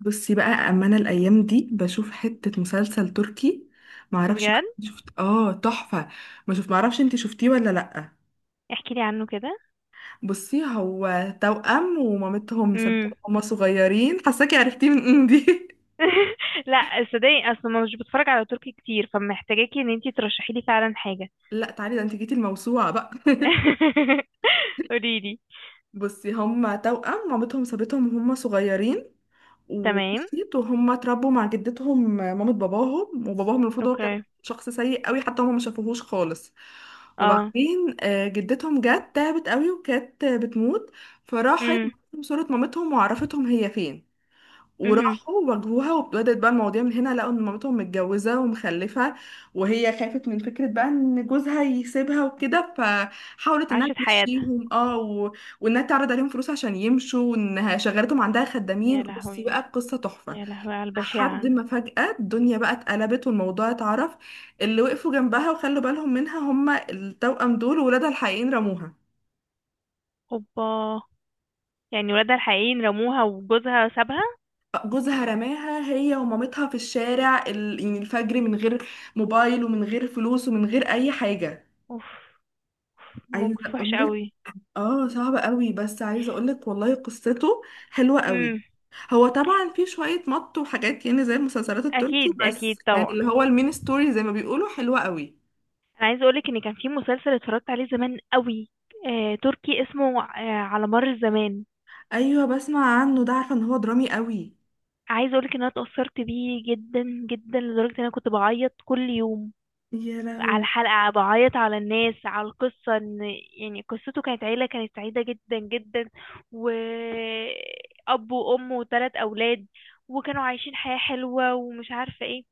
بصي بقى، اما انا الايام دي بشوف حتة مسلسل تركي. معرفش بقى بجد. إنت شفت، تحفة. ما شوف، معرفش انت شفتيه ولا لأ. احكي لي عنه كده. بصي، هو توأم ومامتهم سابتهم امم. هما صغيرين. حاساكي عرفتيه من إيه دي. لا، صدقني اصلا ما مش بتفرج على تركي كتير، فمحتاجاكي ان انتي ترشحي لي فعلا حاجه. لا تعالي، ده انت جيتي الموسوعة بقى. قولي لي. بصي، هما توأم مامتهم سابتهم وهم صغيرين تمام. ومشيت. وهم اتربوا مع جدتهم مامة باباهم. وباباهم المفروض هو كان اوكي. شخص سيء قوي، حتى هم ما شافوهوش خالص. اه. وبعدين جدتهم جت تعبت قوي، وكانت بتموت. فراحت امم. بعتلهم صورة مامتهم وعرفتهم هي فين. امم. وراحوا واجهوها وابتدت بقى المواضيع من هنا. لقوا ان مامتهم متجوزه ومخلفه، وهي خافت من فكره بقى ان جوزها يسيبها وكده، فحاولت انها عاشت حياتها. تمشيهم وانها تعرض عليهم فلوس عشان يمشوا، وانها شغلتهم عندها خدامين. يا بصي لهوي، بقى القصه تحفه. يا لهوي على لحد البشاعه. ما فجاه الدنيا بقى اتقلبت والموضوع اتعرف. اللي وقفوا جنبها وخلوا بالهم منها هم التوأم دول، وولادها الحقيقيين رموها. اوبا. يعني ولادها الحقيقيين رموها وجوزها سابها. جوزها رماها هي ومامتها في الشارع يعني الفجر، من غير موبايل ومن غير فلوس ومن غير اي حاجة. اوف، أوف، عايزة موقف وحش اقولك، قوي. اه صعبة قوي، بس عايزة اقولك والله قصته حلوة قوي. امم. هو طبعا في شوية مط وحاجات، يعني زي المسلسلات التركي، اكيد، اكيد بس يعني طبعا. اللي هو المين ستوري زي ما بيقولوا حلوة قوي. انا عايزه اقولك ان كان في مسلسل اتفرجت عليه زمان قوي. تركي اسمه على مر الزمان. ايوه بسمع عنه ده، عارفة ان هو درامي قوي. عايزه اقولك ان انا اتأثرت بيه جدا جدا، لدرجه ان انا كنت بعيط كل يوم يا على لهوي. الحلقة، بعيط على الناس، على القصة. ان يعني قصته كانت عيلة كانت سعيدة جدا جدا، وأب وأم وثلاث أولاد، وكانوا عايشين حياة حلوة ومش عارفة ايه.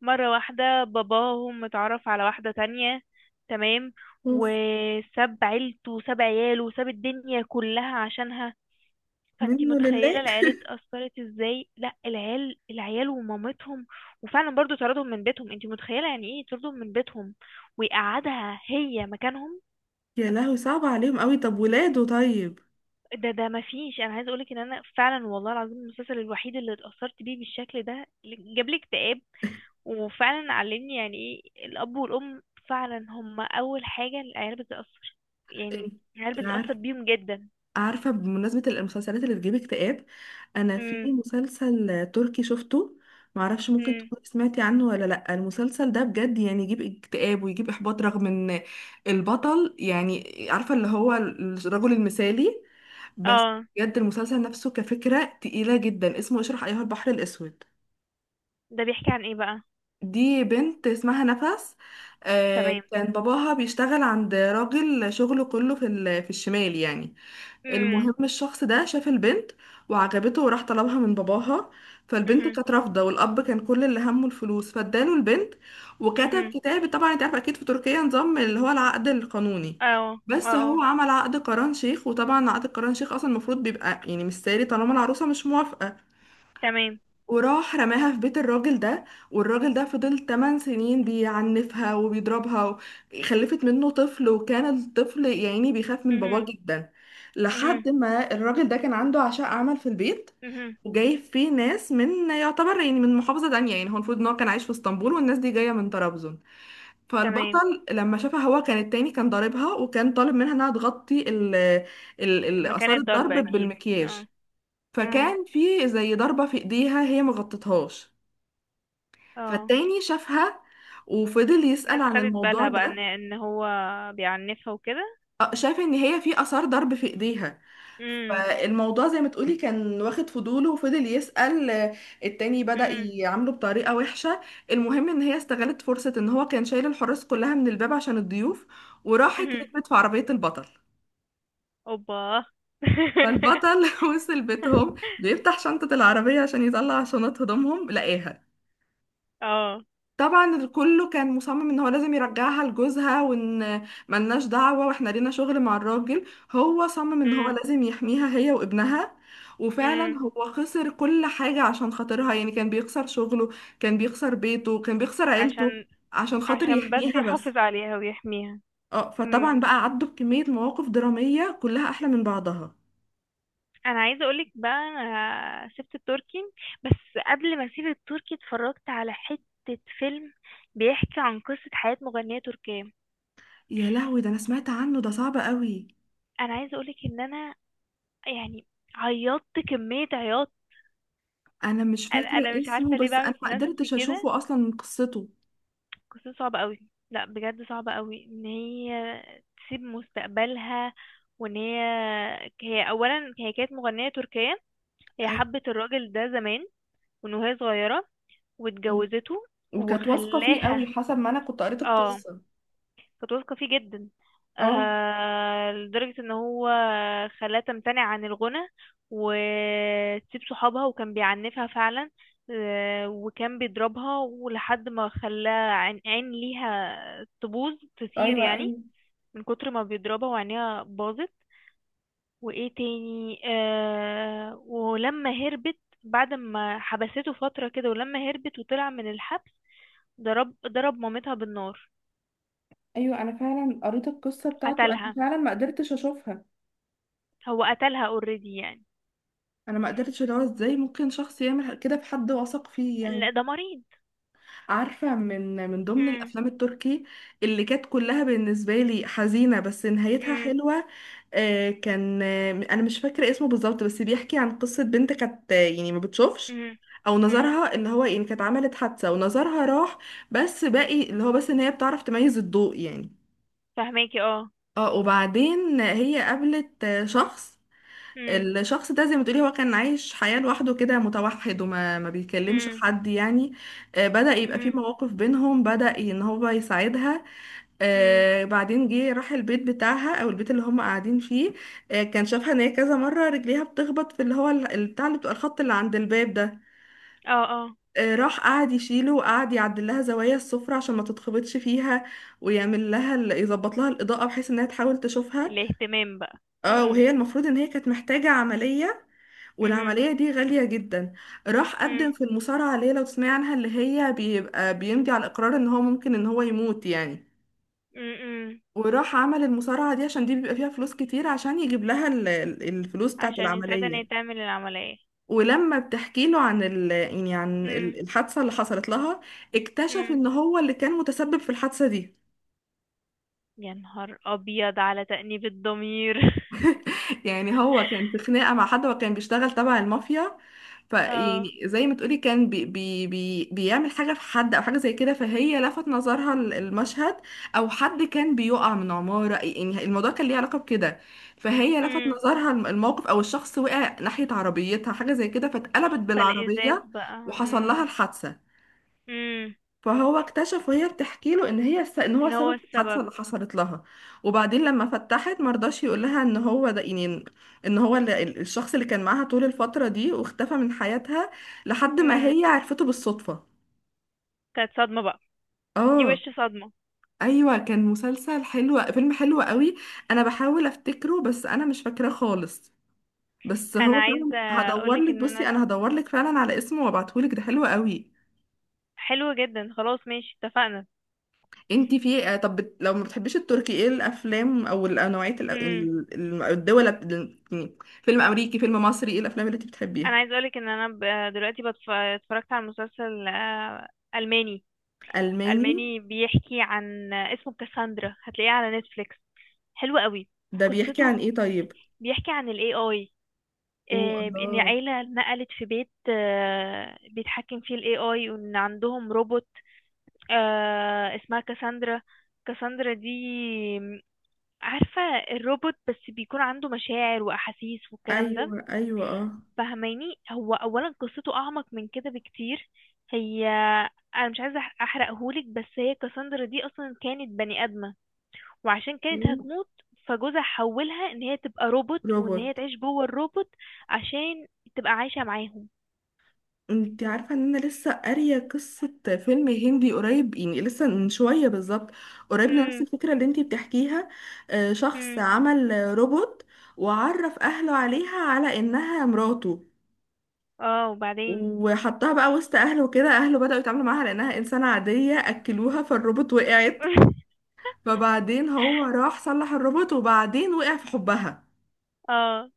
مرة واحدة باباهم اتعرف على واحدة تانية. تمام. اوف. وساب عيلته وساب عياله وساب الدنيا كلها عشانها. فانتي منه متخيله لله. العيال اتأثرت ازاي؟ لا، العيال، العيال ومامتهم. وفعلا برضو طردهم من بيتهم. انتي متخيله يعني ايه يطردهم من بيتهم ويقعدها هي مكانهم؟ يا لهوي صعب عليهم قوي، طب ولاده طيب. ده مفيش. انا عايزه اقولك ان انا فعلا والله العظيم المسلسل الوحيد اللي اتأثرت بيه بالشكل ده. جاب لي اكتئاب، وفعلا علمني يعني ايه الاب والام. فعلا هم اول حاجه، العيال بتتأثر. يعني انت العيال بتتأثر عارفة. بيهم جدا. عارفة، بمناسبة المسلسلات اللي بتجيب اكتئاب، أنا في امم. مسلسل تركي شفته. معرفش ممكن امم. تكوني سمعتي عنه ولا لأ. المسلسل ده بجد يعني يجيب اكتئاب ويجيب إحباط، رغم إن البطل يعني عارفة اللي هو الرجل المثالي. بس اه. بجد المسلسل نفسه كفكرة تقيلة جدا، اسمه اشرح أيها البحر الأسود. ده بيحكي عن ايه بقى؟ دي بنت اسمها نفس. تمام. كان باباها بيشتغل عند راجل، شغله كله في في الشمال يعني. المهم الشخص ده شاف البنت وعجبته، وراح طلبها من باباها. فالبنت امم. كانت رافضة، والأب كان كل اللي همه الفلوس، فاداله البنت وكتب مهم. كتاب. طبعا انت عارفة أكيد في تركيا نظام اللي هو العقد القانوني، اه، اه، بس هو اه. عمل عقد قران شيخ. وطبعا عقد قران شيخ أصلا المفروض بيبقى يعني مش ساري طالما العروسة مش موافقة. تمام. وراح رماها في بيت الراجل ده. والراجل ده فضل 8 سنين بيعنفها وبيضربها. خلفت منه طفل، وكان الطفل يعني بيخاف من باباه مهم. جدا. مهم. لحد ما الراجل ده كان عنده عشاء عمل في البيت، مهم. وجايب فيه ناس من يعتبر يعني من محافظة تانية. يعني هو المفروض ان هو كان عايش في اسطنبول، والناس دي جاية من طرابزون. تمام. فالبطل لما شافها، هو كان التاني كان ضاربها وكان طالب منها انها تغطي ال مكان آثار الضرب الضرب اكيد. بالمكياج. اه. مم. فكان في زي ضربة في ايديها هي مغطتهاش، اه، فالتاني شافها وفضل يسأل الناس عن خدت الموضوع بالها بقى ده. ان هو بيعنفها وكده. شاف ان هي في اثار ضرب في ايديها. مم. فالموضوع زي ما تقولي كان واخد فضوله، وفضل يسأل. التاني بدأ مهم. يعامله بطريقة وحشة. المهم ان هي استغلت فرصة ان هو كان شايل الحراس كلها من الباب عشان الضيوف، وراحت مهم. هربت في عربية البطل. اوبا. فالبطل وصل بيتهم، بيفتح شنطة العربية عشان يطلع شنط هدومهم، لقاها. اه. طبعا كله كان مصمم ان هو لازم يرجعها لجوزها، وان ملناش دعوة واحنا لينا شغل مع الراجل. هو صمم ان هو مم. لازم يحميها هي وابنها. وفعلا مم. هو خسر كل حاجة عشان خاطرها، يعني كان بيخسر شغله، كان بيخسر بيته، كان بيخسر عيلته عشان عشان خاطر عشان بس يحميها بس. يحافظ عليها ويحميها. اه، فطبعا بقى عدوا بكمية مواقف درامية كلها احلى من بعضها. انا عايزه اقولك بقى انا سبت التركي، بس قبل ما اسيب التركي اتفرجت على حته فيلم بيحكي عن قصه حياه مغنيه تركيه. يا لهوي ده انا سمعت عنه، ده صعب قوي. انا عايزه اقولك ان انا يعني عيطت كميه عياط. انا مش انا فاكرة مش اسمه، عارفه ليه بس انا بعمل ما في نفسي قدرتش كده. اشوفه اصلا من قصته. قصه صعبه قوي. لا بجد صعبه قوي، ان هي تسيب مستقبلها، وان هي اولا، هي كانت مغنيه تركيه. هي أيوة. حبت الراجل ده زمان وهي صغيره، واتجوزته وكانت واثقة فيه قوي، وخلاها. حسب ما أنا كنت قريت اه. القصة. كنت واثقة فيه جدا. اه. لدرجة ان هو خلاها تمتنع عن الغنى وتسيب صحابها، وكان بيعنفها فعلا. وكان بيضربها، ولحد ما خلاها عين ليها تبوظ، تسير أيوة يعني، أيوة. من كتر ما بيضربها وعينيها باظت. وايه تاني؟ ولما هربت، بعد ما حبسته فترة كده، ولما هربت وطلع من الحبس ضرب مامتها بالنار، أيوة أنا فعلا قريت القصة بتاعته، أنا قتلها. فعلا ما قدرتش أشوفها. هو قتلها اوريدي يعني. أنا ما قدرتش، اللي هو إزاي ممكن شخص يعمل كده في حد واثق فيه يعني. لا ده مريض. عارفة، من من ضمن امم. الأفلام التركي اللي كانت كلها بالنسبة لي حزينة بس نهايتها امم. حلوة، كان أنا مش فاكرة اسمه بالظبط، بس بيحكي عن قصة بنت كانت يعني ما بتشوفش، امم. أو امم. نظرها اللي هو يعني كانت عملت حادثة ونظرها راح. بس باقي اللي هو بس إن هي بتعرف تميز الضوء يعني. فهماكي، اه. اه وبعدين هي قابلت شخص. امم. الشخص ده زي ما تقولي هو كان عايش حياة لوحده كده متوحد، وما ما بيكلمش امم. حد يعني. بدأ يبقى في امم. مواقف بينهم، بدأ ان هو يساعدها. امم. بعدين جه راح البيت بتاعها او البيت اللي هم قاعدين فيه. كان شافها ان هي كذا مرة رجليها بتخبط في اللي هو البتاع اللي بتبقى الخط اللي عند الباب ده. اه. اه. راح قعد يشيله وقعد يعدل لها زوايا السفرة عشان ما تتخبطش فيها، ويعمل لها يظبط لها الإضاءة بحيث انها تحاول تشوفها. الاهتمام بقى. اه وهي امم. المفروض ان هي كانت محتاجة عملية، امم. والعملية دي غالية جدا. راح قدم امم. في المصارعة، اللي هي لو تسمعي عنها اللي هي بيبقى بيمضي على الإقرار إن هو ممكن إن هو يموت يعني. امم. وراح عمل المصارعة دي عشان دي بيبقى فيها فلوس كتير، عشان يجيب لها الفلوس بتاعة عشان يساعدها ان هي العملية. تعمل العملية. ولما بتحكي له عن ال يعني عن امم. الحادثة اللي حصلت لها، اكتشف امم. إن هو اللي كان متسبب في الحادثة دي. يا نهار ابيض على تأنيب الضمير. يعني هو كان في خناقة مع حد، وكان بيشتغل تبع المافيا. اه. فيعني زي ما تقولي كان بي بي بي بيعمل حاجة في حد أو حاجة زي كده، فهي لفت نظرها المشهد. أو حد كان بيقع من عمارة، يعني الموضوع كان ليه علاقة بكده. فهي لفت امم. نظرها الموقف، أو الشخص وقع ناحية عربيتها حاجة زي كده، فاتقلبت فالازاز بالعربية بقى. وحصل لها امم. الحادثة. امم. فهو اكتشف وهي بتحكي له ان هي ان هو ان هو سبب الحادثه السبب. اللي حصلت لها. وبعدين لما فتحت مرضاش يقول لها ان هو ده يعني، ان هو اللي الشخص اللي كان معاها طول الفتره دي، واختفى من حياتها لحد ما امم. هي عرفته بالصدفه. كانت صدمة بقى. دي اه وش صدمة. ايوه كان مسلسل حلو، فيلم حلو قوي. انا بحاول افتكره بس انا مش فاكراه خالص. بس انا هو عايزه فعلا هدور اقولك لك، ان انا، بصي انا هدور لك فعلا على اسمه وابعتهولك، ده حلو قوي. حلو جدا، خلاص ماشي اتفقنا. انتي في ايه؟ طب لو ما بتحبيش التركي، ايه الافلام او النوعية امم. الدول يعني، فيلم امريكي، فيلم مصري، ايه الافلام اللي انتي بتحبيها؟ انا عايزه اقولك ان انا دلوقتي اتفرجت على مسلسل الماني. الماني. الماني، بيحكي عن، اسمه كاساندرا، هتلاقيه على نتفليكس. حلو قوي. ده بيحكي قصته عن ايه طيب؟ بيحكي عن الاي اي. اوه ان الله. عيله نقلت في بيت بيتحكم فيه الاي اي، وان عندهم روبوت اسمها كاساندرا. كاساندرا دي، عارفة، الروبوت، بس بيكون عنده مشاعر وأحاسيس والكلام ده. ايوه ايوه اه. فهماني، هو أولا قصته أعمق من كده بكتير. هي أنا مش عايزة أحرقهولك، بس هي كاساندرا دي أصلا كانت بني آدمة، وعشان كانت إيه؟ هتموت فجوزها حولها إن هي تبقى روبوت، وإن هي روبوت. تعيش جوه الروبوت، عشان تبقى عايشة معاهم. انتي عارفة ان انا لسه قارية قصة فيلم هندي قريب، يعني لسه من شوية بالظبط، قريب لنفس امم. الفكرة اللي انتي بتحكيها. شخص امم. عمل روبوت، وعرف اهله عليها على انها مراته. اه، وبعدين. وحطها بقى وسط اهله وكده، اهله بدأوا يتعاملوا معاها لانها انسانة عادية. اكلوها فالروبوت وقعت، فبعدين هو راح صلح الروبوت وبعدين وقع في حبها. اه.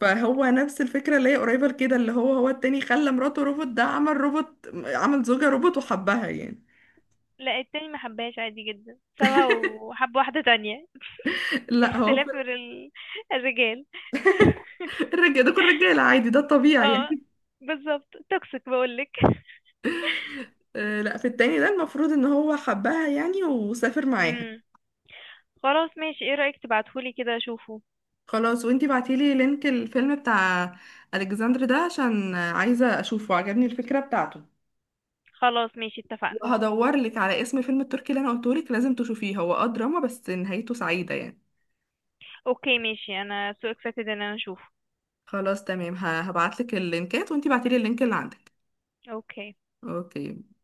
فهو نفس الفكرة اللي هي قريبة لكده، اللي هو هو التاني خلى مراته روبوت، ده عمل روبوت، عمل زوجة روبوت وحبها يعني. لا التاني ما حبهاش، عادي جدا سابها وحب واحدة تانية. لا هو في اختلاف الرجال. الرجالة ده، كل رجالة عادي، ده الطبيعي يعني. اه. بالظبط، توكسيك بقولك. لا في التاني ده المفروض ان هو حبها يعني وسافر معاها. امم. خلاص ماشي، ايه رأيك تبعتهولي كده اشوفه؟ خلاص، وانتي بعتيلي لينك الفيلم بتاع الكسندر ده عشان عايزه اشوفه، عجبني الفكره بتاعته. خلاص ماشي، اتفقنا. وهدور لك على اسم فيلم التركي اللي انا قلته لك لازم تشوفيه، هو اه دراما بس نهايته سعيده يعني. اوكي ماشي، انا so excited ان انا اشوفه. خلاص تمام، هبعت لك اللينكات وانتي بعتيلي اللينك اللي عندك. اوكي. اوكي.